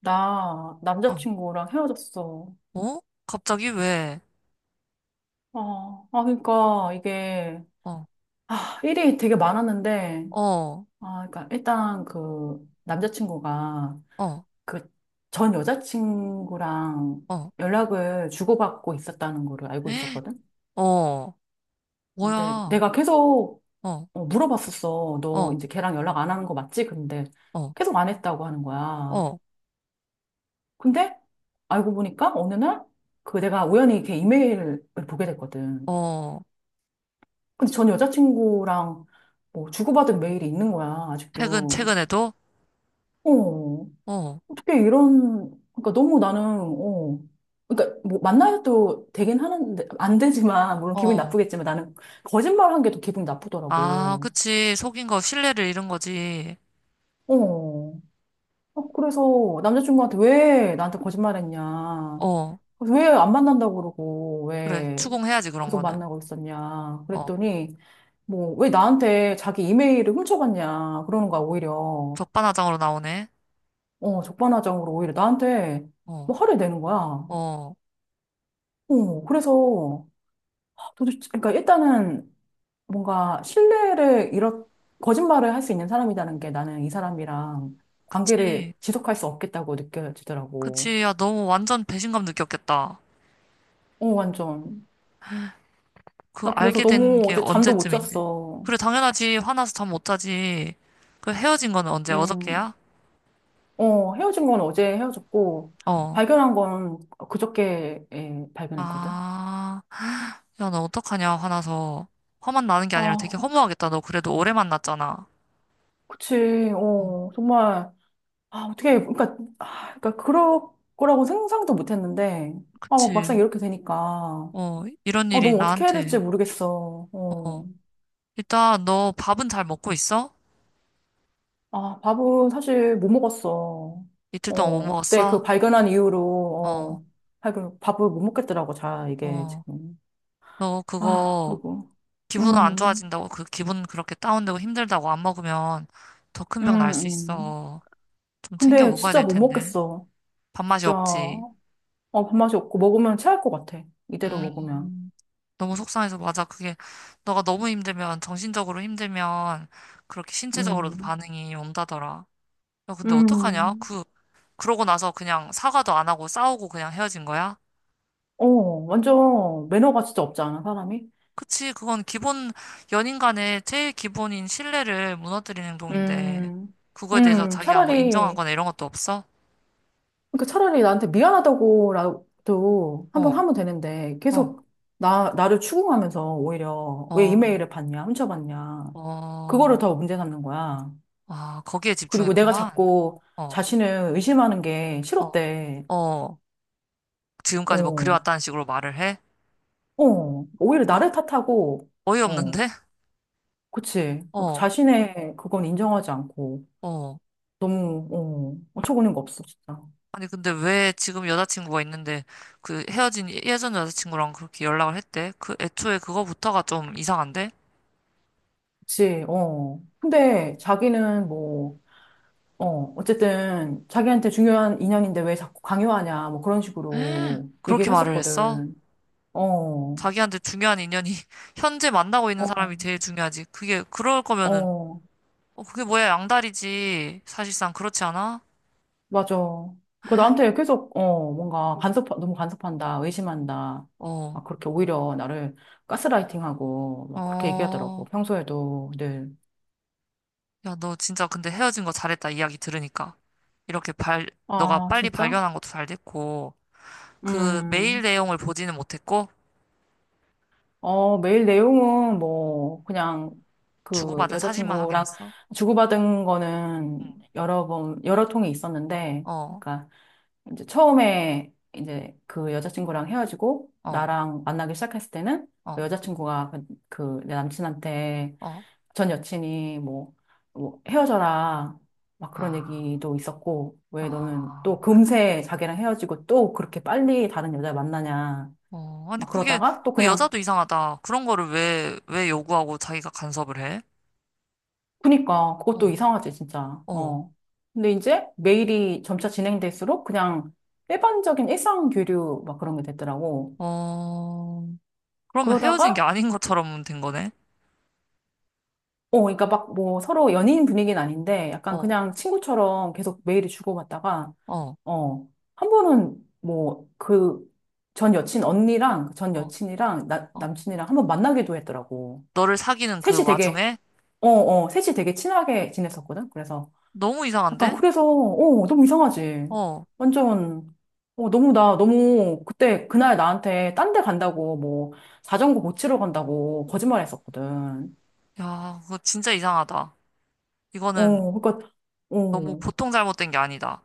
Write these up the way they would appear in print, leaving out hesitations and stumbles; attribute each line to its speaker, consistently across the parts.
Speaker 1: 나
Speaker 2: 어,
Speaker 1: 남자친구랑 헤어졌어.
Speaker 2: 어? 갑자기 왜?
Speaker 1: 아, 아, 그러니까 이게,
Speaker 2: 어,
Speaker 1: 아, 일이 되게 많았는데,
Speaker 2: 어,
Speaker 1: 아, 그러니까 일단 그 남자친구가
Speaker 2: 어,
Speaker 1: 그 전 여자친구랑
Speaker 2: 어,
Speaker 1: 연락을 주고받고 있었다는 거를 알고
Speaker 2: 에?
Speaker 1: 있었거든?
Speaker 2: 어,
Speaker 1: 어, 근데
Speaker 2: 뭐야?
Speaker 1: 내가 계속
Speaker 2: 어,
Speaker 1: 어, 물어봤었어. 너
Speaker 2: 어,
Speaker 1: 이제 걔랑 연락 안 하는 거 맞지? 근데
Speaker 2: 어,
Speaker 1: 계속 안 했다고 하는 거야.
Speaker 2: 어,
Speaker 1: 근데 알고 보니까 어느 날 그 내가 우연히 걔 이메일을 보게 됐거든.
Speaker 2: 어.
Speaker 1: 근데 전 여자친구랑 뭐 주고받은 메일이 있는 거야,
Speaker 2: 최근,
Speaker 1: 아직도.
Speaker 2: 최근에도?
Speaker 1: 어,
Speaker 2: 어,
Speaker 1: 어떻게 이런, 그러니까 너무 나는, 어, 그러니까 뭐 만나도 되긴 하는데, 안 되지만, 물론 기분이
Speaker 2: 어.
Speaker 1: 나쁘겠지만 나는 거짓말 한 게 더 기분이
Speaker 2: 아,
Speaker 1: 나쁘더라고.
Speaker 2: 그치. 속인 거, 신뢰를 잃은 거지.
Speaker 1: 어, 어, 그래서 남자친구한테 왜 나한테 거짓말 했냐.
Speaker 2: 어,
Speaker 1: 왜 안 만난다고 그러고,
Speaker 2: 그래.
Speaker 1: 왜
Speaker 2: 추궁해야지, 그런
Speaker 1: 계속
Speaker 2: 거는.
Speaker 1: 만나고 있었냐.
Speaker 2: 어,
Speaker 1: 그랬더니, 뭐, 왜 나한테 자기 이메일을 훔쳐갔냐. 그러는 거야, 오히려.
Speaker 2: 적반하장으로 나오네.
Speaker 1: 어, 적반하장으로 오히려 나한테
Speaker 2: 어,
Speaker 1: 뭐 화를 내는 거야.
Speaker 2: 어.
Speaker 1: 어, 그래서 도대체, 그러니까 일단은 뭔가 신뢰를 잃어, 거짓말을 할 수 있는 사람이라는 게 나는 이 사람이랑
Speaker 2: 그치.
Speaker 1: 관계를 지속할 수 없겠다고 느껴지더라고.
Speaker 2: 그치. 야, 너무 완전 배신감 느꼈겠다.
Speaker 1: 어, 완전.
Speaker 2: 그
Speaker 1: 나 그래서
Speaker 2: 알게 된
Speaker 1: 너무
Speaker 2: 게
Speaker 1: 어제 잠도 못
Speaker 2: 언제쯤인데?
Speaker 1: 잤어.
Speaker 2: 그래, 당연하지. 화나서 잠 못 자지. 그 헤어진 거는 언제?
Speaker 1: 음,
Speaker 2: 어저께야?
Speaker 1: 어, 헤어진 건 어제 헤어졌고,
Speaker 2: 어.
Speaker 1: 발견한 건 그저께 예, 발견했거든.
Speaker 2: 아, 야, 너 어떡하냐, 화나서. 화만 나는 게 아니라 되게
Speaker 1: 아,
Speaker 2: 허무하겠다. 너 그래도 오래 만났잖아.
Speaker 1: 그치.
Speaker 2: 어,
Speaker 1: 어, 정말. 아, 어떻게, 그러니까, 아, 그러니까 그럴 거라고 생각도 못 했는데, 아, 막 막상
Speaker 2: 그치.
Speaker 1: 이렇게 되니까,
Speaker 2: 어, 이런
Speaker 1: 아,
Speaker 2: 일이
Speaker 1: 너무 어떻게 해야
Speaker 2: 나한테.
Speaker 1: 될지 모르겠어.
Speaker 2: 어.
Speaker 1: 어.
Speaker 2: 일단, 너 밥은 잘 먹고 있어?
Speaker 1: 아, 밥은 사실 못 먹었어.
Speaker 2: 이틀 동안 못
Speaker 1: 어, 그때 그
Speaker 2: 먹었어?
Speaker 1: 발견한 이후로,
Speaker 2: 어,
Speaker 1: 어, 발견, 밥을 못 먹겠더라고, 자, 이게
Speaker 2: 어.
Speaker 1: 지금.
Speaker 2: 너
Speaker 1: 아,
Speaker 2: 그거,
Speaker 1: 그리고,
Speaker 2: 기분 안
Speaker 1: 음,
Speaker 2: 좋아진다고, 그 기분 그렇게 다운되고 힘들다고 안 먹으면 더 큰 병
Speaker 1: 음,
Speaker 2: 날 수
Speaker 1: 음.
Speaker 2: 있어. 좀 챙겨
Speaker 1: 근데
Speaker 2: 먹어야
Speaker 1: 진짜
Speaker 2: 될
Speaker 1: 못
Speaker 2: 텐데.
Speaker 1: 먹겠어.
Speaker 2: 밥맛이
Speaker 1: 진짜,
Speaker 2: 없지.
Speaker 1: 어, 밥맛이 없고, 먹으면 체할 것 같아. 이대로 먹으면.
Speaker 2: 음, 너무 속상해서 맞아. 그게 너가 너무 힘들면 정신적으로 힘들면 그렇게 신체적으로도
Speaker 1: 음,
Speaker 2: 반응이 온다더라. 야, 근데 어떡하냐?
Speaker 1: 음.
Speaker 2: 그 그러고 나서 그냥 사과도 안 하고 싸우고 그냥 헤어진 거야?
Speaker 1: 어, 완전 매너가 진짜 없지 않아, 사람이?
Speaker 2: 그치, 그건 기본 연인 간의 제일 기본인 신뢰를 무너뜨리는 행동인데
Speaker 1: 음,
Speaker 2: 그거에 대해서 자기가 뭐
Speaker 1: 차라리,
Speaker 2: 인정하거나 이런 것도 없어?
Speaker 1: 그러니까 차라리 나한테 미안하다고라도 한번
Speaker 2: 어,
Speaker 1: 하면 되는데,
Speaker 2: 어,
Speaker 1: 계속 나를 추궁하면서 오히려 왜
Speaker 2: 어,
Speaker 1: 이메일을 봤냐, 훔쳐봤냐,
Speaker 2: 어,
Speaker 1: 그거를 더 문제 삼는 거야.
Speaker 2: 아, 거기에
Speaker 1: 그리고 내가
Speaker 2: 집중했구만.
Speaker 1: 자꾸
Speaker 2: 어.
Speaker 1: 자신을 의심하는 게
Speaker 2: 어,
Speaker 1: 싫었대.
Speaker 2: 어, 지금까지 뭐
Speaker 1: 어,
Speaker 2: 그래왔다는 식으로 말을 해?
Speaker 1: 어, 오히려
Speaker 2: 그,
Speaker 1: 나를 탓하고, 어,
Speaker 2: 어이없는데?
Speaker 1: 그치.
Speaker 2: 어,
Speaker 1: 자신의 그건 인정하지 않고,
Speaker 2: 어.
Speaker 1: 너무, 어, 어처구니가 없어, 진짜.
Speaker 2: 아니, 근데 왜 지금 여자친구가 있는데 그 헤어진 예전 여자친구랑 그렇게 연락을 했대? 그 애초에 그거부터가 좀 이상한데?
Speaker 1: 그치, 어. 근데 자기는 뭐, 어, 어쨌든 자기한테 중요한 인연인데 왜 자꾸 강요하냐, 뭐 그런 식으로 얘기를
Speaker 2: 그렇게 말을 했어?
Speaker 1: 했었거든. 어,
Speaker 2: 자기한테 중요한 인연이 현재 만나고 있는
Speaker 1: 어,
Speaker 2: 사람이 제일 중요하지. 그게, 그럴 거면은,
Speaker 1: 어,
Speaker 2: 어, 그게 뭐야, 양다리지. 사실상 그렇지 않아?
Speaker 1: 맞아. 그러니까 나한테 계속, 어, 뭔가 간섭, 너무 간섭한다, 의심한다.
Speaker 2: 어,
Speaker 1: 막 그렇게 오히려 나를 가스라이팅하고 막 그렇게 얘기하더라고.
Speaker 2: 어.
Speaker 1: 평소에도 늘.
Speaker 2: 야, 너 진짜 근데 헤어진 거 잘했다 이야기 들으니까. 이렇게 너가
Speaker 1: 아,
Speaker 2: 빨리
Speaker 1: 진짜?
Speaker 2: 발견한 것도 잘 됐고, 그 메일
Speaker 1: 음.
Speaker 2: 내용을 보지는 못했고,
Speaker 1: 어, 메일 내용은 뭐, 그냥 그
Speaker 2: 주고받은 사진만
Speaker 1: 여자친구랑
Speaker 2: 확인했어?
Speaker 1: 주고받은 거는
Speaker 2: 응.
Speaker 1: 여러 번, 여러 통이 있었는데,
Speaker 2: 어,
Speaker 1: 그러니까 이제 처음에 이제 그 여자친구랑 헤어지고
Speaker 2: 어,
Speaker 1: 나랑 만나기 시작했을 때는 그
Speaker 2: 어,
Speaker 1: 여자친구가 그 내 남친한테
Speaker 2: 어.
Speaker 1: 전 여친이 뭐, 뭐 헤어져라. 막 그런
Speaker 2: 아,
Speaker 1: 얘기도 있었고, 왜 너는
Speaker 2: 아,
Speaker 1: 또 금세 자기랑 헤어지고 또 그렇게 빨리 다른 여자 만나냐.
Speaker 2: 어. 아니,
Speaker 1: 막
Speaker 2: 그게,
Speaker 1: 그러다가 또
Speaker 2: 그
Speaker 1: 그냥
Speaker 2: 여자도 이상하다. 그런 거를 왜 요구하고 자기가 간섭을 해?
Speaker 1: 그니까 그것도
Speaker 2: 어,
Speaker 1: 이상하지 진짜.
Speaker 2: 어,
Speaker 1: 어. 근데 이제 메일이 점차 진행될수록 그냥 일반적인 일상 교류 막 그런 게 됐더라고.
Speaker 2: 어. 그러면 헤어진 게
Speaker 1: 그러다가
Speaker 2: 아닌 것처럼 된 거네?
Speaker 1: 어, 그러니까 막 뭐 서로 연인 분위기는 아닌데 약간
Speaker 2: 어,
Speaker 1: 그냥 친구처럼 계속 메일을 주고받다가
Speaker 2: 어,
Speaker 1: 어, 한 번은 뭐 그 전 여친 언니랑 그 전
Speaker 2: 어,
Speaker 1: 여친이랑 나,
Speaker 2: 어.
Speaker 1: 남친이랑 한 번 만나기도 했더라고.
Speaker 2: 너를 사귀는
Speaker 1: 셋이
Speaker 2: 그
Speaker 1: 되게
Speaker 2: 와중에?
Speaker 1: 어, 어, 셋이 되게 친하게 지냈었거든. 그래서
Speaker 2: 너무
Speaker 1: 약간
Speaker 2: 이상한데?
Speaker 1: 그래서 어 너무 이상하지.
Speaker 2: 어.
Speaker 1: 완전 어 너무 나 너무 그때 그날 나한테 딴데 간다고 뭐 자전거 고치러 간다고 거짓말했었거든.
Speaker 2: 야, 그거 진짜 이상하다. 이거는
Speaker 1: 어 그러니까
Speaker 2: 너무
Speaker 1: 어
Speaker 2: 보통 잘못된 게 아니다.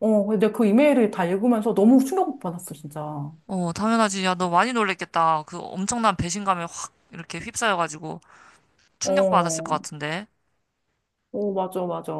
Speaker 1: 어 근데 그 이메일을 다 읽으면서 너무 충격 받았어 진짜.
Speaker 2: 어, 당연하지. 야, 너 많이 놀랬겠다. 그 엄청난 배신감에 확 이렇게 휩싸여가지고 충격받았을 것
Speaker 1: 어,
Speaker 2: 같은데.
Speaker 1: 어 맞아 맞아.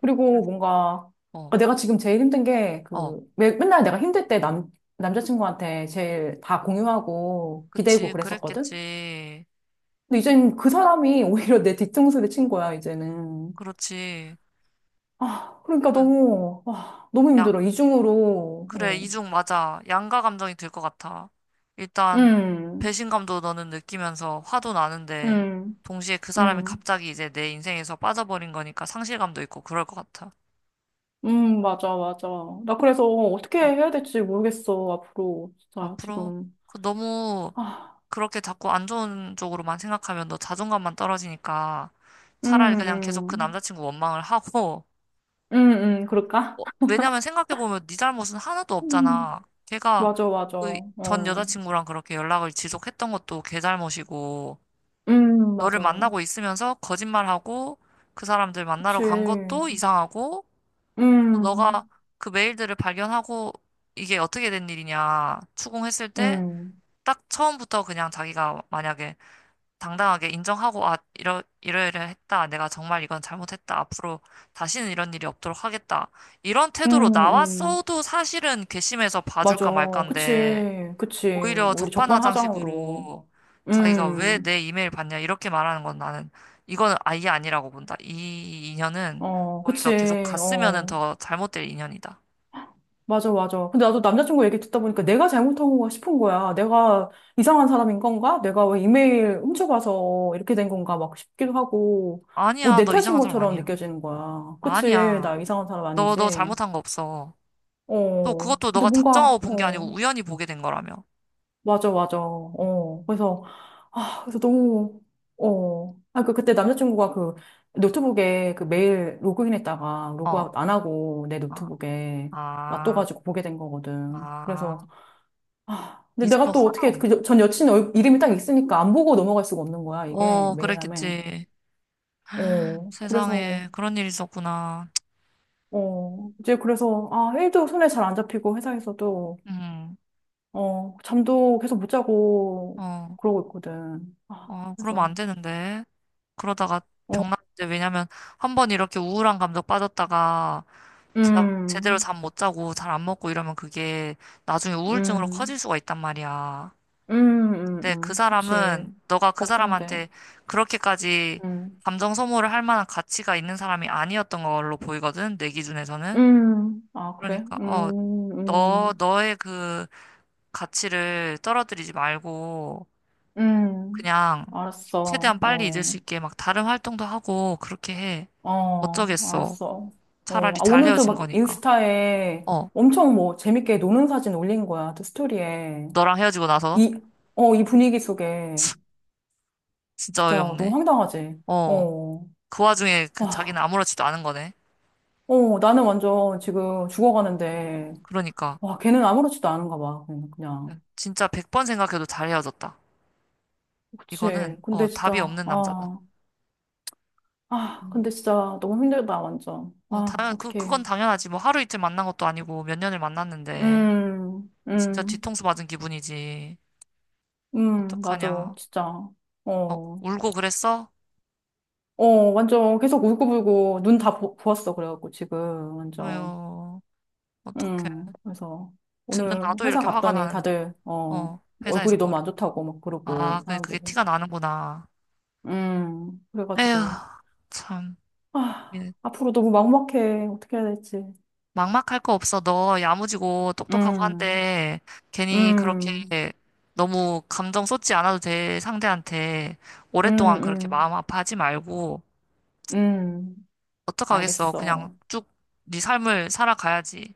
Speaker 1: 그리고 뭔가
Speaker 2: 어,
Speaker 1: 아, 내가 지금 제일 힘든 게
Speaker 2: 어,
Speaker 1: 그 왜, 맨날 내가 힘들 때 남 남자친구한테 제일 다 공유하고 기대고
Speaker 2: 그치.
Speaker 1: 그랬었거든.
Speaker 2: 그랬겠지.
Speaker 1: 근데 이제는 그 사람이 오히려 내 뒤통수를 친 거야, 이제는.
Speaker 2: 그렇지.
Speaker 1: 아, 그러니까
Speaker 2: 응,
Speaker 1: 너무, 아, 너무
Speaker 2: 양,
Speaker 1: 힘들어. 이중으로,
Speaker 2: 그래,
Speaker 1: 어.
Speaker 2: 이중 맞아. 양가 감정이 들 것 같아. 일단,
Speaker 1: 음,
Speaker 2: 배신감도 너는 느끼면서 화도 나는데,
Speaker 1: 음,
Speaker 2: 동시에 그 사람이
Speaker 1: 음,
Speaker 2: 갑자기 이제 내 인생에서 빠져버린 거니까 상실감도 있고 그럴 것 같아.
Speaker 1: 맞아, 맞아. 나 그래서 어떻게
Speaker 2: 어.
Speaker 1: 해야 될지 모르겠어, 앞으로. 진짜,
Speaker 2: 앞으로
Speaker 1: 지금.
Speaker 2: 그 너무
Speaker 1: 아,
Speaker 2: 그렇게 자꾸 안 좋은 쪽으로만 생각하면 너 자존감만 떨어지니까 차라리 그냥 계속 그
Speaker 1: 음, 음,
Speaker 2: 남자친구 원망을 하고
Speaker 1: 그럴까?
Speaker 2: 어, 왜냐면 생각해보면 네 잘못은 하나도
Speaker 1: 음,
Speaker 2: 없잖아. 걔가
Speaker 1: 맞아, 맞아.
Speaker 2: 그 전
Speaker 1: 어,
Speaker 2: 여자친구랑 그렇게 연락을 지속했던 것도 걔 잘못이고 너를
Speaker 1: 맞아.
Speaker 2: 만나고 있으면서 거짓말하고 그 사람들 만나러
Speaker 1: 그치.
Speaker 2: 간 것도 이상하고 또 너가
Speaker 1: 음,
Speaker 2: 그 메일들을 발견하고 이게 어떻게 된 일이냐 추궁했을 때
Speaker 1: 음,
Speaker 2: 딱 처음부터 그냥 자기가 만약에 당당하게 인정하고, 아, 이러이러 했다. 내가 정말 이건 잘못했다. 앞으로 다시는 이런 일이 없도록 하겠다. 이런 태도로
Speaker 1: 음.
Speaker 2: 나왔어도 사실은 괘씸해서
Speaker 1: 맞아.
Speaker 2: 봐줄까 말까인데,
Speaker 1: 그치. 그치.
Speaker 2: 오히려
Speaker 1: 우리 적반하장으로.
Speaker 2: 적반하장식으로 자기가 왜
Speaker 1: 음.
Speaker 2: 내 이메일 봤냐. 이렇게 말하는 건 나는, 이건 아예 아니라고 본다. 이 인연은
Speaker 1: 어,
Speaker 2: 오히려 계속
Speaker 1: 그치.
Speaker 2: 갔으면은
Speaker 1: 어.
Speaker 2: 더 잘못될 인연이다.
Speaker 1: 맞아, 맞아. 근데 나도 남자친구 얘기 듣다 보니까 내가 잘못한 건가 싶은 거야. 내가 이상한 사람인 건가? 내가 왜 이메일 훔쳐가서 이렇게 된 건가? 막 싶기도 하고. 뭐
Speaker 2: 아니야.
Speaker 1: 내
Speaker 2: 너
Speaker 1: 탓인
Speaker 2: 이상한 사람
Speaker 1: 것처럼
Speaker 2: 아니야.
Speaker 1: 느껴지는 거야. 그치. 나
Speaker 2: 아니야.
Speaker 1: 이상한 사람
Speaker 2: 너
Speaker 1: 아니지.
Speaker 2: 잘못한 거 없어. 또
Speaker 1: 어.
Speaker 2: 그것도
Speaker 1: 근데
Speaker 2: 너가 작정하고
Speaker 1: 뭔가,
Speaker 2: 본 게 아니고
Speaker 1: 어.
Speaker 2: 우연히 보게 된 거라며.
Speaker 1: 맞아, 맞아. 어, 그래서, 아, 그래서 너무, 어. 아, 그, 그때 남자친구가 그 노트북에 그 메일 로그인했다가
Speaker 2: 어,
Speaker 1: 로그아웃 안 하고 내
Speaker 2: 아,
Speaker 1: 노트북에
Speaker 2: 아,
Speaker 1: 놔둬가지고 보게 된 거거든. 그래서,
Speaker 2: 아.
Speaker 1: 아, 근데
Speaker 2: 네 잘못
Speaker 1: 내가 또
Speaker 2: 하나
Speaker 1: 어떻게,
Speaker 2: 없네.
Speaker 1: 그 전 여친 이름이 딱 있으니까 안 보고 넘어갈 수가 없는 거야, 이게,
Speaker 2: 어,
Speaker 1: 메일함에.
Speaker 2: 그랬겠지.
Speaker 1: 어, 그래서,
Speaker 2: 세상에, 그런 일이 있었구나.
Speaker 1: 어, 이제 그래서, 아, 일도 손에 잘 안 잡히고 회사에서도,
Speaker 2: 음,
Speaker 1: 어, 잠도 계속 못 자고
Speaker 2: 어,
Speaker 1: 그러고 있거든. 아,
Speaker 2: 어, 그러면 안
Speaker 1: 그래서.
Speaker 2: 되는데. 그러다가
Speaker 1: 어.
Speaker 2: 병났는데, 왜냐면 한 번 이렇게 우울한 감정 빠졌다가 제대로
Speaker 1: 음,
Speaker 2: 잠 못 자고 잘 안 먹고 이러면 그게 나중에 우울증으로
Speaker 1: 음,
Speaker 2: 커질 수가 있단 말이야. 근데 그
Speaker 1: 그치.
Speaker 2: 사람은 너가 그
Speaker 1: 걱정돼.
Speaker 2: 사람한테 그렇게까지
Speaker 1: 음,
Speaker 2: 감정 소모를 할 만한 가치가 있는 사람이 아니었던 걸로 보이거든, 내 기준에서는.
Speaker 1: 아, 그래?
Speaker 2: 그러니까, 어, 너, 너의 그 가치를 떨어뜨리지 말고
Speaker 1: 음.
Speaker 2: 그냥
Speaker 1: 알았어.
Speaker 2: 최대한 빨리 잊을 수
Speaker 1: 어,
Speaker 2: 있게 막 다른 활동도 하고 그렇게 해.
Speaker 1: 어,
Speaker 2: 어쩌겠어.
Speaker 1: 알았어. 어,
Speaker 2: 차라리
Speaker 1: 아,
Speaker 2: 잘
Speaker 1: 오늘도
Speaker 2: 헤어진
Speaker 1: 막
Speaker 2: 거니까.
Speaker 1: 인스타에
Speaker 2: 어,
Speaker 1: 엄청 뭐 재밌게 노는 사진 올린 거야. 또 스토리에.
Speaker 2: 너랑 헤어지고 나서.
Speaker 1: 이, 어, 이 분위기 속에.
Speaker 2: 진짜
Speaker 1: 진짜 너무
Speaker 2: 어이없네.
Speaker 1: 황당하지?
Speaker 2: 어,
Speaker 1: 어,
Speaker 2: 그 와중에 그 자기는
Speaker 1: 와,
Speaker 2: 아무렇지도 않은 거네.
Speaker 1: 어, 나는 완전 지금 죽어가는데.
Speaker 2: 그러니까.
Speaker 1: 와, 걔는 아무렇지도 않은가 봐. 그냥. 그냥.
Speaker 2: 진짜 100번 생각해도 잘 헤어졌다.
Speaker 1: 그치.
Speaker 2: 이거는 어,
Speaker 1: 근데
Speaker 2: 답이
Speaker 1: 진짜,
Speaker 2: 없는 남자다.
Speaker 1: 아, 아, 근데
Speaker 2: 음.
Speaker 1: 진짜 너무 힘들다, 완전.
Speaker 2: 어,
Speaker 1: 아,
Speaker 2: 그건
Speaker 1: 어떡해.
Speaker 2: 당연하지. 뭐 하루 이틀 만난 것도 아니고 몇 년을 만났는데
Speaker 1: 음,
Speaker 2: 진짜
Speaker 1: 음,
Speaker 2: 뒤통수 맞은 기분이지.
Speaker 1: 맞아.
Speaker 2: 어떡하냐.
Speaker 1: 진짜.
Speaker 2: 어,
Speaker 1: 어,
Speaker 2: 울고 그랬어?
Speaker 1: 어, 완전 계속 울고불고 눈 다 부었어. 그래갖고 지금, 완전.
Speaker 2: 아유, 어떡해.
Speaker 1: 그래서
Speaker 2: 듣는
Speaker 1: 오늘
Speaker 2: 나도
Speaker 1: 회사
Speaker 2: 이렇게 화가
Speaker 1: 갔더니
Speaker 2: 나는데.
Speaker 1: 다들, 어,
Speaker 2: 어,
Speaker 1: 얼굴이
Speaker 2: 회사에서
Speaker 1: 너무
Speaker 2: 뭐래.
Speaker 1: 안 좋다고 막
Speaker 2: 아,
Speaker 1: 그러고,
Speaker 2: 그게,
Speaker 1: 사람들이.
Speaker 2: 티가 나는구나. 에휴,
Speaker 1: 그래가지고,
Speaker 2: 참.
Speaker 1: 아,
Speaker 2: 예.
Speaker 1: 앞으로 너무 막막해. 어떻게 해야 될지.
Speaker 2: 막막할 거 없어. 너 야무지고 똑똑하고
Speaker 1: 음,
Speaker 2: 한데 괜히 그렇게
Speaker 1: 음,
Speaker 2: 너무 감정 쏟지 않아도 돼. 상대한테
Speaker 1: 음,
Speaker 2: 오랫동안 그렇게
Speaker 1: 음.
Speaker 2: 마음 아파하지 말고
Speaker 1: 음,
Speaker 2: 어떡하겠어. 그냥
Speaker 1: 알겠어.
Speaker 2: 쭉 네 삶을 살아가야지.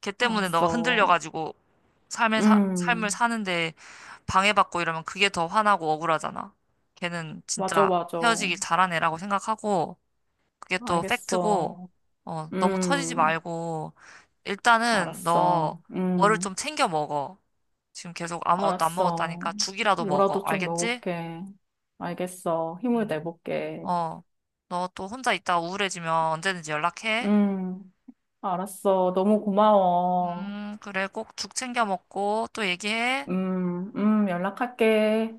Speaker 2: 걔 때문에 너가
Speaker 1: 알았어.
Speaker 2: 흔들려가지고 삶을
Speaker 1: 음,
Speaker 2: 사는데 방해받고 이러면 그게 더 화나고 억울하잖아. 걔는
Speaker 1: 맞아,
Speaker 2: 진짜
Speaker 1: 맞아.
Speaker 2: 헤어지길 잘한 애라고 생각하고 그게 또 팩트고,
Speaker 1: 알겠어.
Speaker 2: 어, 너무 처지지
Speaker 1: 음,
Speaker 2: 말고, 일단은 너
Speaker 1: 알았어.
Speaker 2: 뭐를 좀 챙겨 먹어. 지금 계속 아무것도 안
Speaker 1: 알았어.
Speaker 2: 먹었다니까 죽이라도 먹어.
Speaker 1: 뭐라도 좀
Speaker 2: 알겠지?
Speaker 1: 먹을게. 알겠어. 힘을
Speaker 2: 음.
Speaker 1: 내볼게.
Speaker 2: 어, 너 또 혼자 있다 우울해지면 언제든지 연락해.
Speaker 1: 음, 알았어. 너무 고마워.
Speaker 2: 그래, 꼭 죽 챙겨 먹고 또 얘기해.
Speaker 1: 연락할게.